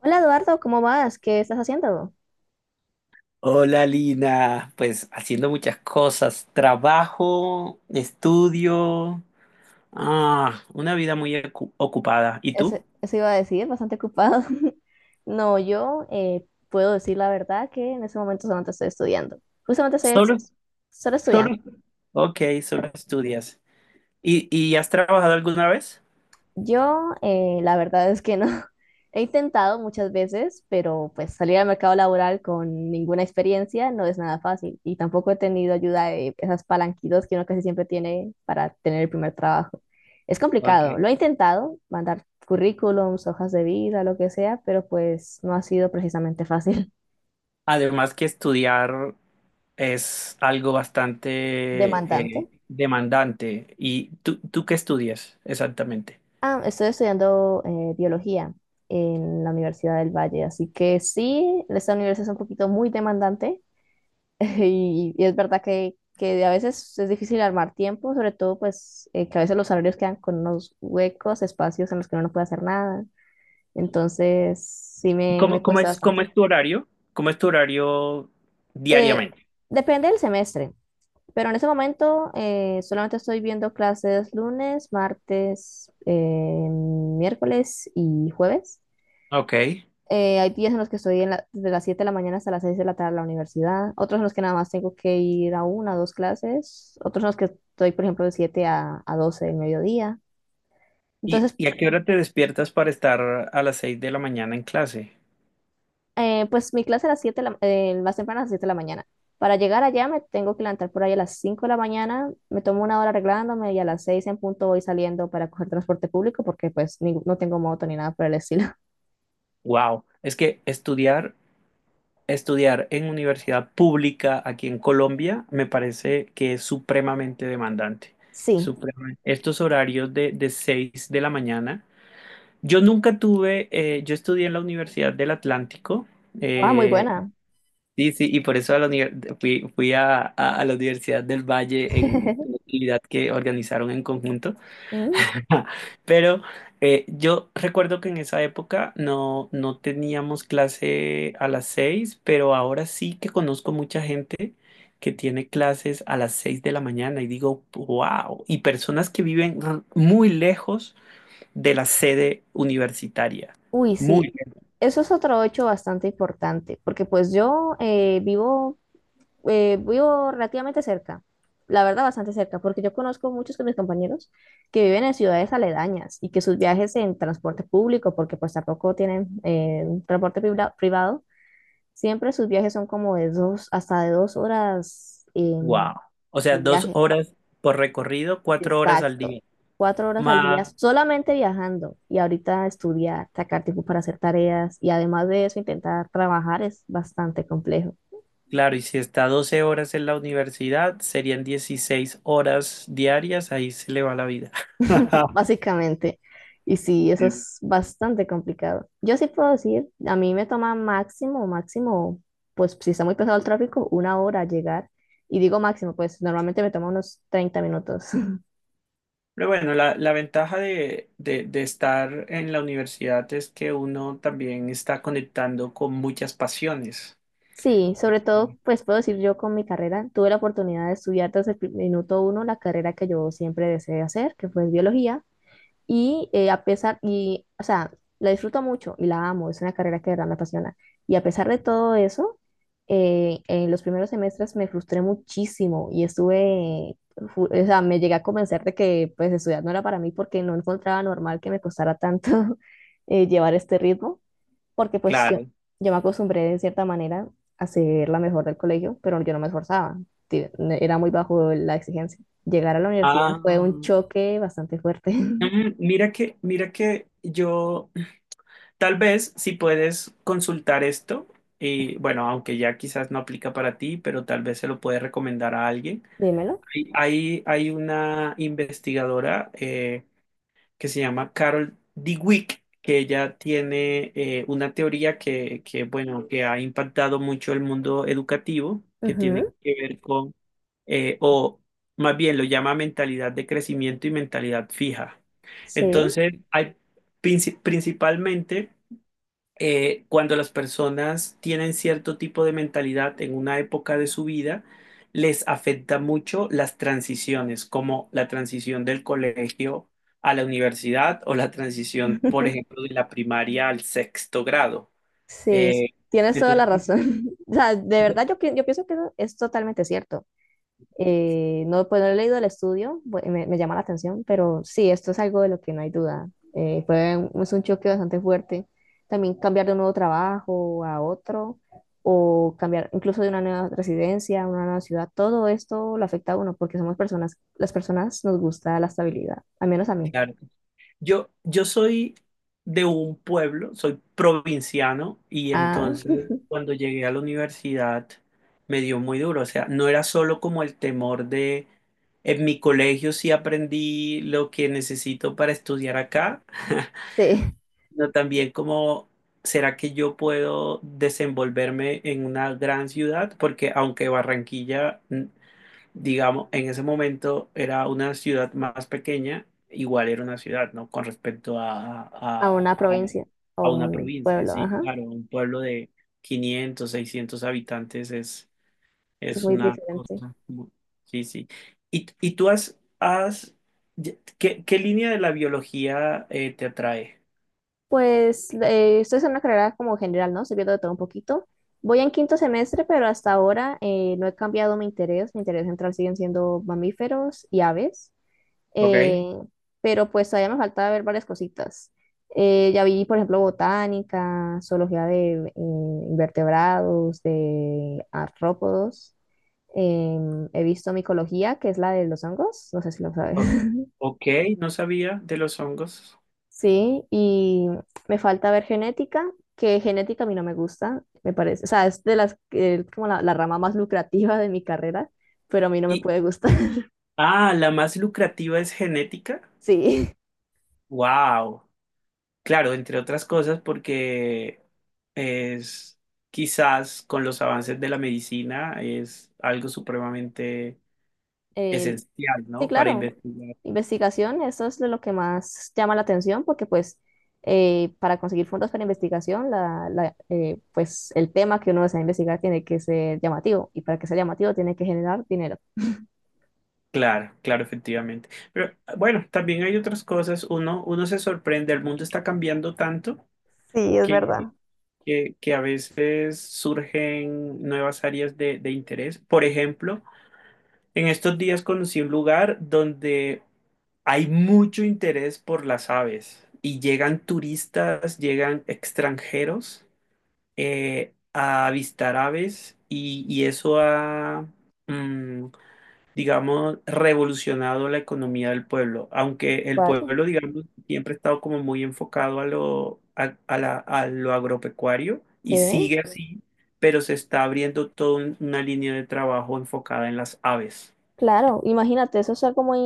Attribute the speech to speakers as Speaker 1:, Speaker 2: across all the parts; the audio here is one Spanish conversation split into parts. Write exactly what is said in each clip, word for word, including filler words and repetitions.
Speaker 1: Hola Eduardo, ¿cómo vas? ¿Qué estás haciendo?
Speaker 2: Hola Lina, pues haciendo muchas cosas, trabajo, estudio, ah, una vida muy ocu- ocupada. ¿Y
Speaker 1: Eso,
Speaker 2: tú?
Speaker 1: eso iba a decir, bastante ocupado. No, yo eh, puedo decir la verdad que en ese momento solamente estoy estudiando. Justamente estoy
Speaker 2: Solo,
Speaker 1: ex- solo
Speaker 2: solo.
Speaker 1: estudiando.
Speaker 2: Ok, solo estudias. ¿Y, y has trabajado alguna vez?
Speaker 1: Yo, eh, la verdad es que no. He intentado muchas veces, pero pues salir al mercado laboral con ninguna experiencia no es nada fácil y tampoco he tenido ayuda de esas palanquitas que uno casi siempre tiene para tener el primer trabajo. Es
Speaker 2: Ok.
Speaker 1: complicado. Lo he intentado, mandar currículums, hojas de vida, lo que sea, pero pues no ha sido precisamente fácil.
Speaker 2: Además que estudiar es algo bastante
Speaker 1: Demandante.
Speaker 2: eh, demandante. ¿Y tú, tú qué estudias exactamente?
Speaker 1: Ah, estoy estudiando eh, biología en la Universidad del Valle, así que sí, esta universidad es un poquito muy demandante. Y, y es verdad que, que a veces es difícil armar tiempo, sobre todo pues eh, que a veces los horarios quedan con unos huecos, espacios en los que uno no puede hacer nada. Entonces, sí
Speaker 2: ¿Y
Speaker 1: me, me
Speaker 2: cómo, cómo
Speaker 1: cuesta
Speaker 2: es, cómo
Speaker 1: bastante.
Speaker 2: es tu horario? ¿Cómo es tu horario
Speaker 1: Eh,
Speaker 2: diariamente?
Speaker 1: depende del semestre, pero en ese momento eh, solamente estoy viendo clases lunes, martes, eh, miércoles y jueves.
Speaker 2: Ok.
Speaker 1: Eh, hay días en los que estoy en la- desde las siete de la mañana hasta las seis de la tarde en la universidad, otros en los que nada más tengo que ir a una o dos clases, otros en los que estoy, por ejemplo, de siete a, a 12 del mediodía.
Speaker 2: ¿Y,
Speaker 1: Entonces,
Speaker 2: y a qué hora te despiertas para estar a las seis de la mañana en clase?
Speaker 1: eh, pues mi clase a las siete de la- eh, más temprano a las siete de la mañana. Para llegar allá me tengo que levantar por ahí a las cinco de la mañana, me tomo una hora arreglándome y a las seis en punto voy saliendo para coger transporte público porque pues ni- no tengo moto ni nada por el estilo.
Speaker 2: Wow, es que estudiar, estudiar en universidad pública aquí en Colombia me parece que es supremamente demandante.
Speaker 1: Sí,
Speaker 2: Supremamente. Estos horarios de, de seis de la mañana. Yo nunca tuve, eh, yo estudié en la Universidad del Atlántico.
Speaker 1: ah, muy
Speaker 2: eh,
Speaker 1: buena.
Speaker 2: sí, sí, y por eso a la univer- fui, fui a, a- a la Universidad del Valle en una actividad que organizaron en conjunto.
Speaker 1: Mm.
Speaker 2: Pero eh, yo recuerdo que en esa época no, no teníamos clase a las seis, pero ahora sí que conozco mucha gente que tiene clases a las seis de la mañana y digo, wow, y personas que viven r- muy lejos de la sede universitaria,
Speaker 1: Uy,
Speaker 2: muy
Speaker 1: sí,
Speaker 2: lejos,
Speaker 1: eso es otro hecho bastante importante, porque pues yo eh, vivo, eh, vivo relativamente cerca, la verdad bastante cerca, porque yo conozco muchos de mis compañeros que viven en ciudades aledañas y que sus viajes en transporte público, porque pues tampoco tienen eh, transporte pribla- privado, siempre sus viajes son como de dos, hasta de dos horas eh,
Speaker 2: wow, o sea,
Speaker 1: de
Speaker 2: dos
Speaker 1: viaje.
Speaker 2: horas por recorrido, cuatro horas al
Speaker 1: Exacto.
Speaker 2: día,
Speaker 1: Cuatro horas al día.
Speaker 2: más.
Speaker 1: Wow, solamente viajando, y ahorita estudiar, sacar tiempo para hacer tareas y además de eso intentar trabajar es bastante complejo.
Speaker 2: Claro, y si está doce horas en la universidad, serían dieciséis horas diarias, ahí se le va la vida.
Speaker 1: Básicamente. Y sí, eso
Speaker 2: Sí.
Speaker 1: es bastante complicado. Yo sí puedo decir, a mí me toma máximo, máximo, pues si está muy pesado el tráfico, una hora llegar. Y digo máximo, pues normalmente me toma unos treinta minutos.
Speaker 2: Pero bueno, la, la ventaja de, de- de estar en la universidad es que uno también está conectando con muchas pasiones.
Speaker 1: Sí, sobre todo, pues puedo decir yo con mi carrera, tuve la oportunidad de estudiar desde el pri- minuto uno la carrera que yo siempre deseé hacer, que fue biología, y eh, a pesar, y, o sea, la disfruto mucho y la amo, es una carrera que de verdad me apasiona. Y a pesar de todo eso, eh, en los primeros semestres me frustré muchísimo y estuve, fu- o sea, me llegué a convencer de que pues estudiar no era para mí porque no encontraba normal que me costara tanto. Eh, llevar este ritmo, porque pues yo,
Speaker 2: Claro.
Speaker 1: yo me acostumbré de cierta manera a ser la mejor del colegio, pero yo no me esforzaba, ti- era muy bajo la exigencia. Llegar a la universidad
Speaker 2: Ah,
Speaker 1: fue un choque bastante fuerte.
Speaker 2: Mm, Mira que, mira que yo, tal vez si puedes consultar esto, y bueno, aunque ya quizás no aplica para ti, pero tal vez se lo puedes recomendar a alguien.
Speaker 1: Dímelo.
Speaker 2: Hay, hay hay una investigadora eh, que se llama Carol Dweck, que ella tiene eh, una teoría que, que, bueno, que ha impactado mucho el mundo educativo, que tiene
Speaker 1: Ujú.
Speaker 2: que ver con, eh, o más bien lo llama mentalidad de crecimiento y mentalidad fija.
Speaker 1: Sí.
Speaker 2: Entonces, hay princi- principalmente eh, cuando las personas tienen cierto tipo de mentalidad en una época de su vida, les afecta mucho las transiciones, como la transición del colegio a la universidad o la transición, por ejemplo, de la primaria al sexto grado.
Speaker 1: sí, sí,
Speaker 2: Eh,
Speaker 1: Eh, tienes toda la
Speaker 2: entonces,
Speaker 1: razón. O sea, de
Speaker 2: sí,
Speaker 1: verdad yo, pi- yo pienso que eso es totalmente cierto. Eh, no, pues no he leído el estudio, bu- me, me llama la atención, pero sí, esto es algo de lo que no hay duda. Eh, fue un- es un choque bastante fuerte. También cambiar de un nuevo trabajo a otro, o cambiar incluso de una nueva residencia a una nueva ciudad, todo esto lo afecta a uno porque somos personas, las personas nos gusta la estabilidad, al menos a mí.
Speaker 2: claro. Yo, yo soy de un pueblo, soy provinciano y
Speaker 1: Ah.
Speaker 2: entonces cuando llegué a la universidad me dio muy duro. O sea, no era solo como el temor de, en mi colegio sí aprendí lo que necesito para estudiar acá,
Speaker 1: Sí,
Speaker 2: sino también como, ¿será que yo puedo desenvolverme en una gran ciudad? Porque aunque Barranquilla mm, digamos, en ese momento era una ciudad más pequeña, igual era una ciudad, ¿no? Con respecto a,
Speaker 1: a
Speaker 2: a,
Speaker 1: una
Speaker 2: a,
Speaker 1: provincia o
Speaker 2: a una
Speaker 1: un
Speaker 2: provincia,
Speaker 1: pueblo,
Speaker 2: sí,
Speaker 1: ajá,
Speaker 2: claro, un pueblo de quinientos seiscientos habitantes es,
Speaker 1: es
Speaker 2: es
Speaker 1: muy
Speaker 2: una
Speaker 1: diferente.
Speaker 2: cosa, mu- sí, sí. ¿Y, y tú has, has ya- ¿qué, qué línea de la biología eh, te atrae?
Speaker 1: Pues eh, estoy en una carrera como general, ¿no? Estoy viendo de todo un poquito. Voy en quinto semestre, pero hasta ahora eh, no he cambiado mi interés. Mi interés central siguen siendo mamíferos y aves.
Speaker 2: ¿Ok?
Speaker 1: Eh, Ok. Eh, pero pues todavía me falta ver varias cositas. Eh, ya vi, por ejemplo, botánica, zoología de eh, invertebrados, de artrópodos. Em, he visto micología, que es la de los hongos. No sé si lo sabes.
Speaker 2: O- Ok, no sabía de los hongos.
Speaker 1: Sí, y me falta ver genética, que genética a mí no me gusta, me parece. O sea, es de las que- como la, la rama más lucrativa de mi carrera, pero a mí no me
Speaker 2: Y,
Speaker 1: puede gustar.
Speaker 2: ah, la más lucrativa es genética.
Speaker 1: Sí,
Speaker 2: Wow. Claro, entre otras cosas porque es quizás con los avances de la medicina es algo supremamente
Speaker 1: el-
Speaker 2: esencial,
Speaker 1: sí,
Speaker 2: ¿no? Para
Speaker 1: claro.
Speaker 2: investigar.
Speaker 1: Investigación, eso es de lo que más llama la atención, porque pues eh, para conseguir fondos para investigación, la, la, eh, pues el tema que uno desea investigar tiene que ser llamativo, y para que sea llamativo tiene que generar dinero.
Speaker 2: Claro, claro, efectivamente. Pero ah, bueno, también hay otras cosas. Uno, uno se sorprende, el mundo está cambiando tanto
Speaker 1: Sí, es
Speaker 2: que,
Speaker 1: verdad.
Speaker 2: que, que a veces surgen nuevas áreas de, de interés. Por ejemplo, en estos días conocí un lugar donde hay mucho interés por las aves y llegan turistas, llegan extranjeros eh, a avistar aves y, y eso ha, mm, digamos, revolucionado la economía del pueblo. Aunque el
Speaker 1: Vaya,
Speaker 2: pueblo, digamos, siempre ha estado como muy enfocado a lo, a- a la- a lo agropecuario y
Speaker 1: sí.
Speaker 2: sigue así, pero se está abriendo toda un- una línea de trabajo enfocada en las aves.
Speaker 1: Claro, imagínate, eso es algo muy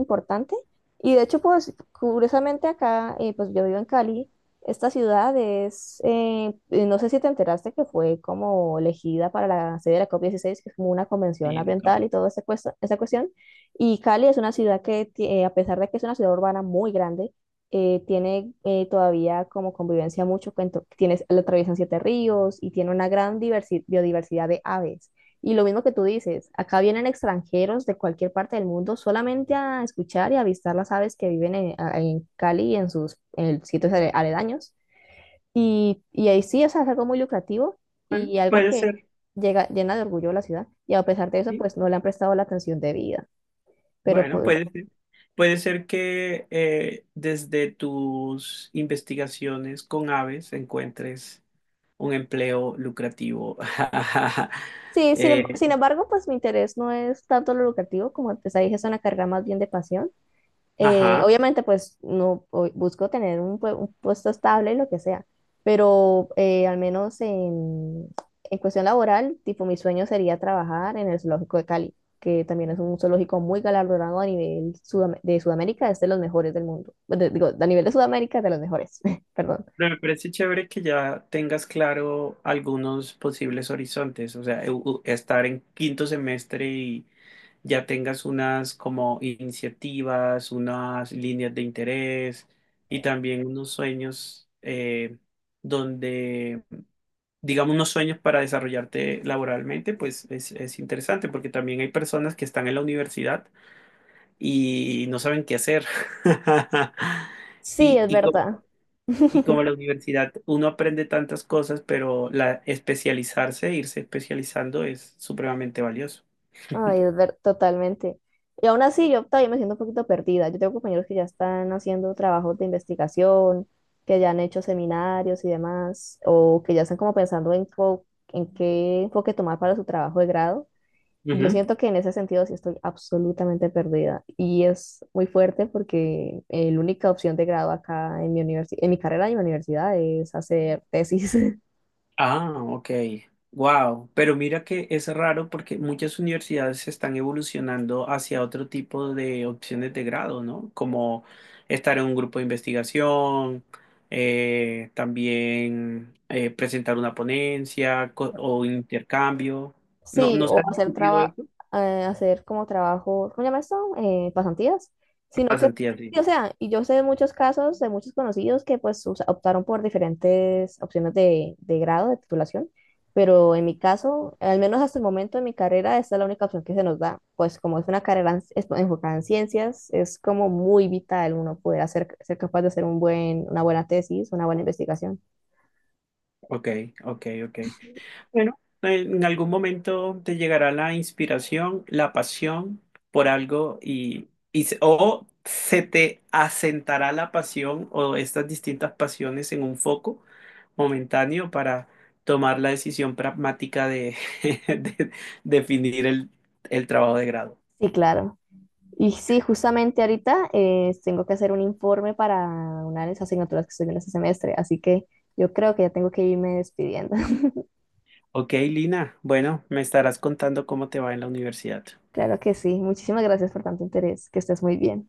Speaker 1: importante. Y de hecho, pues curiosamente acá, eh, pues yo vivo en Cali, esta ciudad es, eh, eh, no sé si te enteraste que fue como elegida para la sede de la COP dieciséis, que es como una convención
Speaker 2: Sí, la capa.
Speaker 1: ambiental y toda esa, cuesta- esa cuestión. Y Cali es una ciudad que, ti- eh, a pesar de que es una ciudad urbana muy grande, eh, tiene eh, todavía como convivencia mucho, cuento- tienes, la atraviesan siete ríos y tiene una gran diversi- biodiversidad de aves. Y lo mismo que tú dices, acá vienen extranjeros de cualquier parte del mundo solamente a escuchar y avistar las aves que viven en, a- en Cali y en sus en el- sitios ale- aledaños. Y, y ahí sí, o sea, es algo muy lucrativo
Speaker 2: Bueno,
Speaker 1: y algo
Speaker 2: puede
Speaker 1: que
Speaker 2: ser.
Speaker 1: llega, llena de orgullo a la ciudad. Y a pesar de eso,
Speaker 2: Sí.
Speaker 1: pues no le han prestado la atención debida. Pero
Speaker 2: Bueno,
Speaker 1: pues
Speaker 2: puede ser, puede ser que eh, desde tus investigaciones con aves encuentres un empleo lucrativo.
Speaker 1: sí, sin, em- sin
Speaker 2: Eh,
Speaker 1: embargo, pues mi interés no es tanto lo lucrativo, como te dije, es una carga más bien de pasión. Eh,
Speaker 2: ajá.
Speaker 1: obviamente, pues no o- busco tener un, pue- un puesto estable y lo que sea, pero eh, al menos en, en cuestión laboral, tipo mi sueño sería trabajar en el zoológico de Cali, que también es un zoológico muy galardonado a nivel Sudam- de Sudamérica, es de los mejores del mundo. De- digo, a nivel de Sudamérica, es de los mejores. Perdón.
Speaker 2: Pero me parece chévere que ya tengas claro algunos posibles horizontes, o sea, u- u- estar en quinto semestre y ya tengas unas como iniciativas, unas líneas de interés y también unos sueños eh, donde digamos, unos sueños para desarrollarte laboralmente, pues es, es interesante porque también hay personas que están en la universidad y no saben qué hacer.
Speaker 1: Sí,
Speaker 2: Y,
Speaker 1: es
Speaker 2: y, co-
Speaker 1: verdad.
Speaker 2: y como la universidad, uno aprende tantas cosas, pero la especializarse, irse especializando es supremamente valioso.
Speaker 1: Ay, es ver, totalmente. Y aún así, yo todavía me siento un poquito perdida. Yo tengo compañeros que ya están haciendo trabajos de investigación, que ya han hecho seminarios y demás, o que ya están como pensando en, co- en qué enfoque tomar para su trabajo de grado. Y yo siento que en ese sentido sí estoy absolutamente perdida. Y es muy fuerte porque eh, la única opción de grado acá en mi universi- en mi carrera y mi universidad es hacer tesis.
Speaker 2: Ah, ok. Wow. Pero mira que es raro porque muchas universidades están evolucionando hacia otro tipo de opciones de grado, ¿no? Como estar en un grupo de investigación, eh, también eh, presentar una ponencia co- o intercambio. ¿No,
Speaker 1: Sí,
Speaker 2: no se
Speaker 1: o
Speaker 2: ha
Speaker 1: hacer
Speaker 2: discutido
Speaker 1: traba,
Speaker 2: eso?
Speaker 1: eh, hacer como trabajo, ¿cómo se llama esto? Eh, pasantías, sino que,
Speaker 2: Pasantía,
Speaker 1: sí,
Speaker 2: sí.
Speaker 1: o sea, y yo sé de muchos casos, de muchos conocidos que pues o sea, optaron por diferentes opciones de, de grado, de titulación, pero en mi caso, al menos hasta el momento de mi carrera, esta es la única opción que se nos da, pues como es una carrera en- es- enfocada en ciencias, es como muy vital uno poder hacer, ser capaz de hacer un buen, una buena tesis, una buena investigación.
Speaker 2: Ok, ok, ok. Bueno, en algún momento te llegará la inspiración, la pasión por algo y, y se- o se te asentará la pasión o estas distintas pasiones en un foco momentáneo para tomar la decisión pragmática de, de definir el, el trabajo de grado.
Speaker 1: Sí, claro. Y sí, justamente ahorita eh, tengo que hacer un informe para una de las asignaturas que estoy viendo este semestre, así que yo creo que ya tengo que irme despidiendo.
Speaker 2: Ok, Lina, bueno, me estarás contando cómo te va en la universidad.
Speaker 1: Claro que sí, muchísimas gracias por tanto interés, que estés muy bien.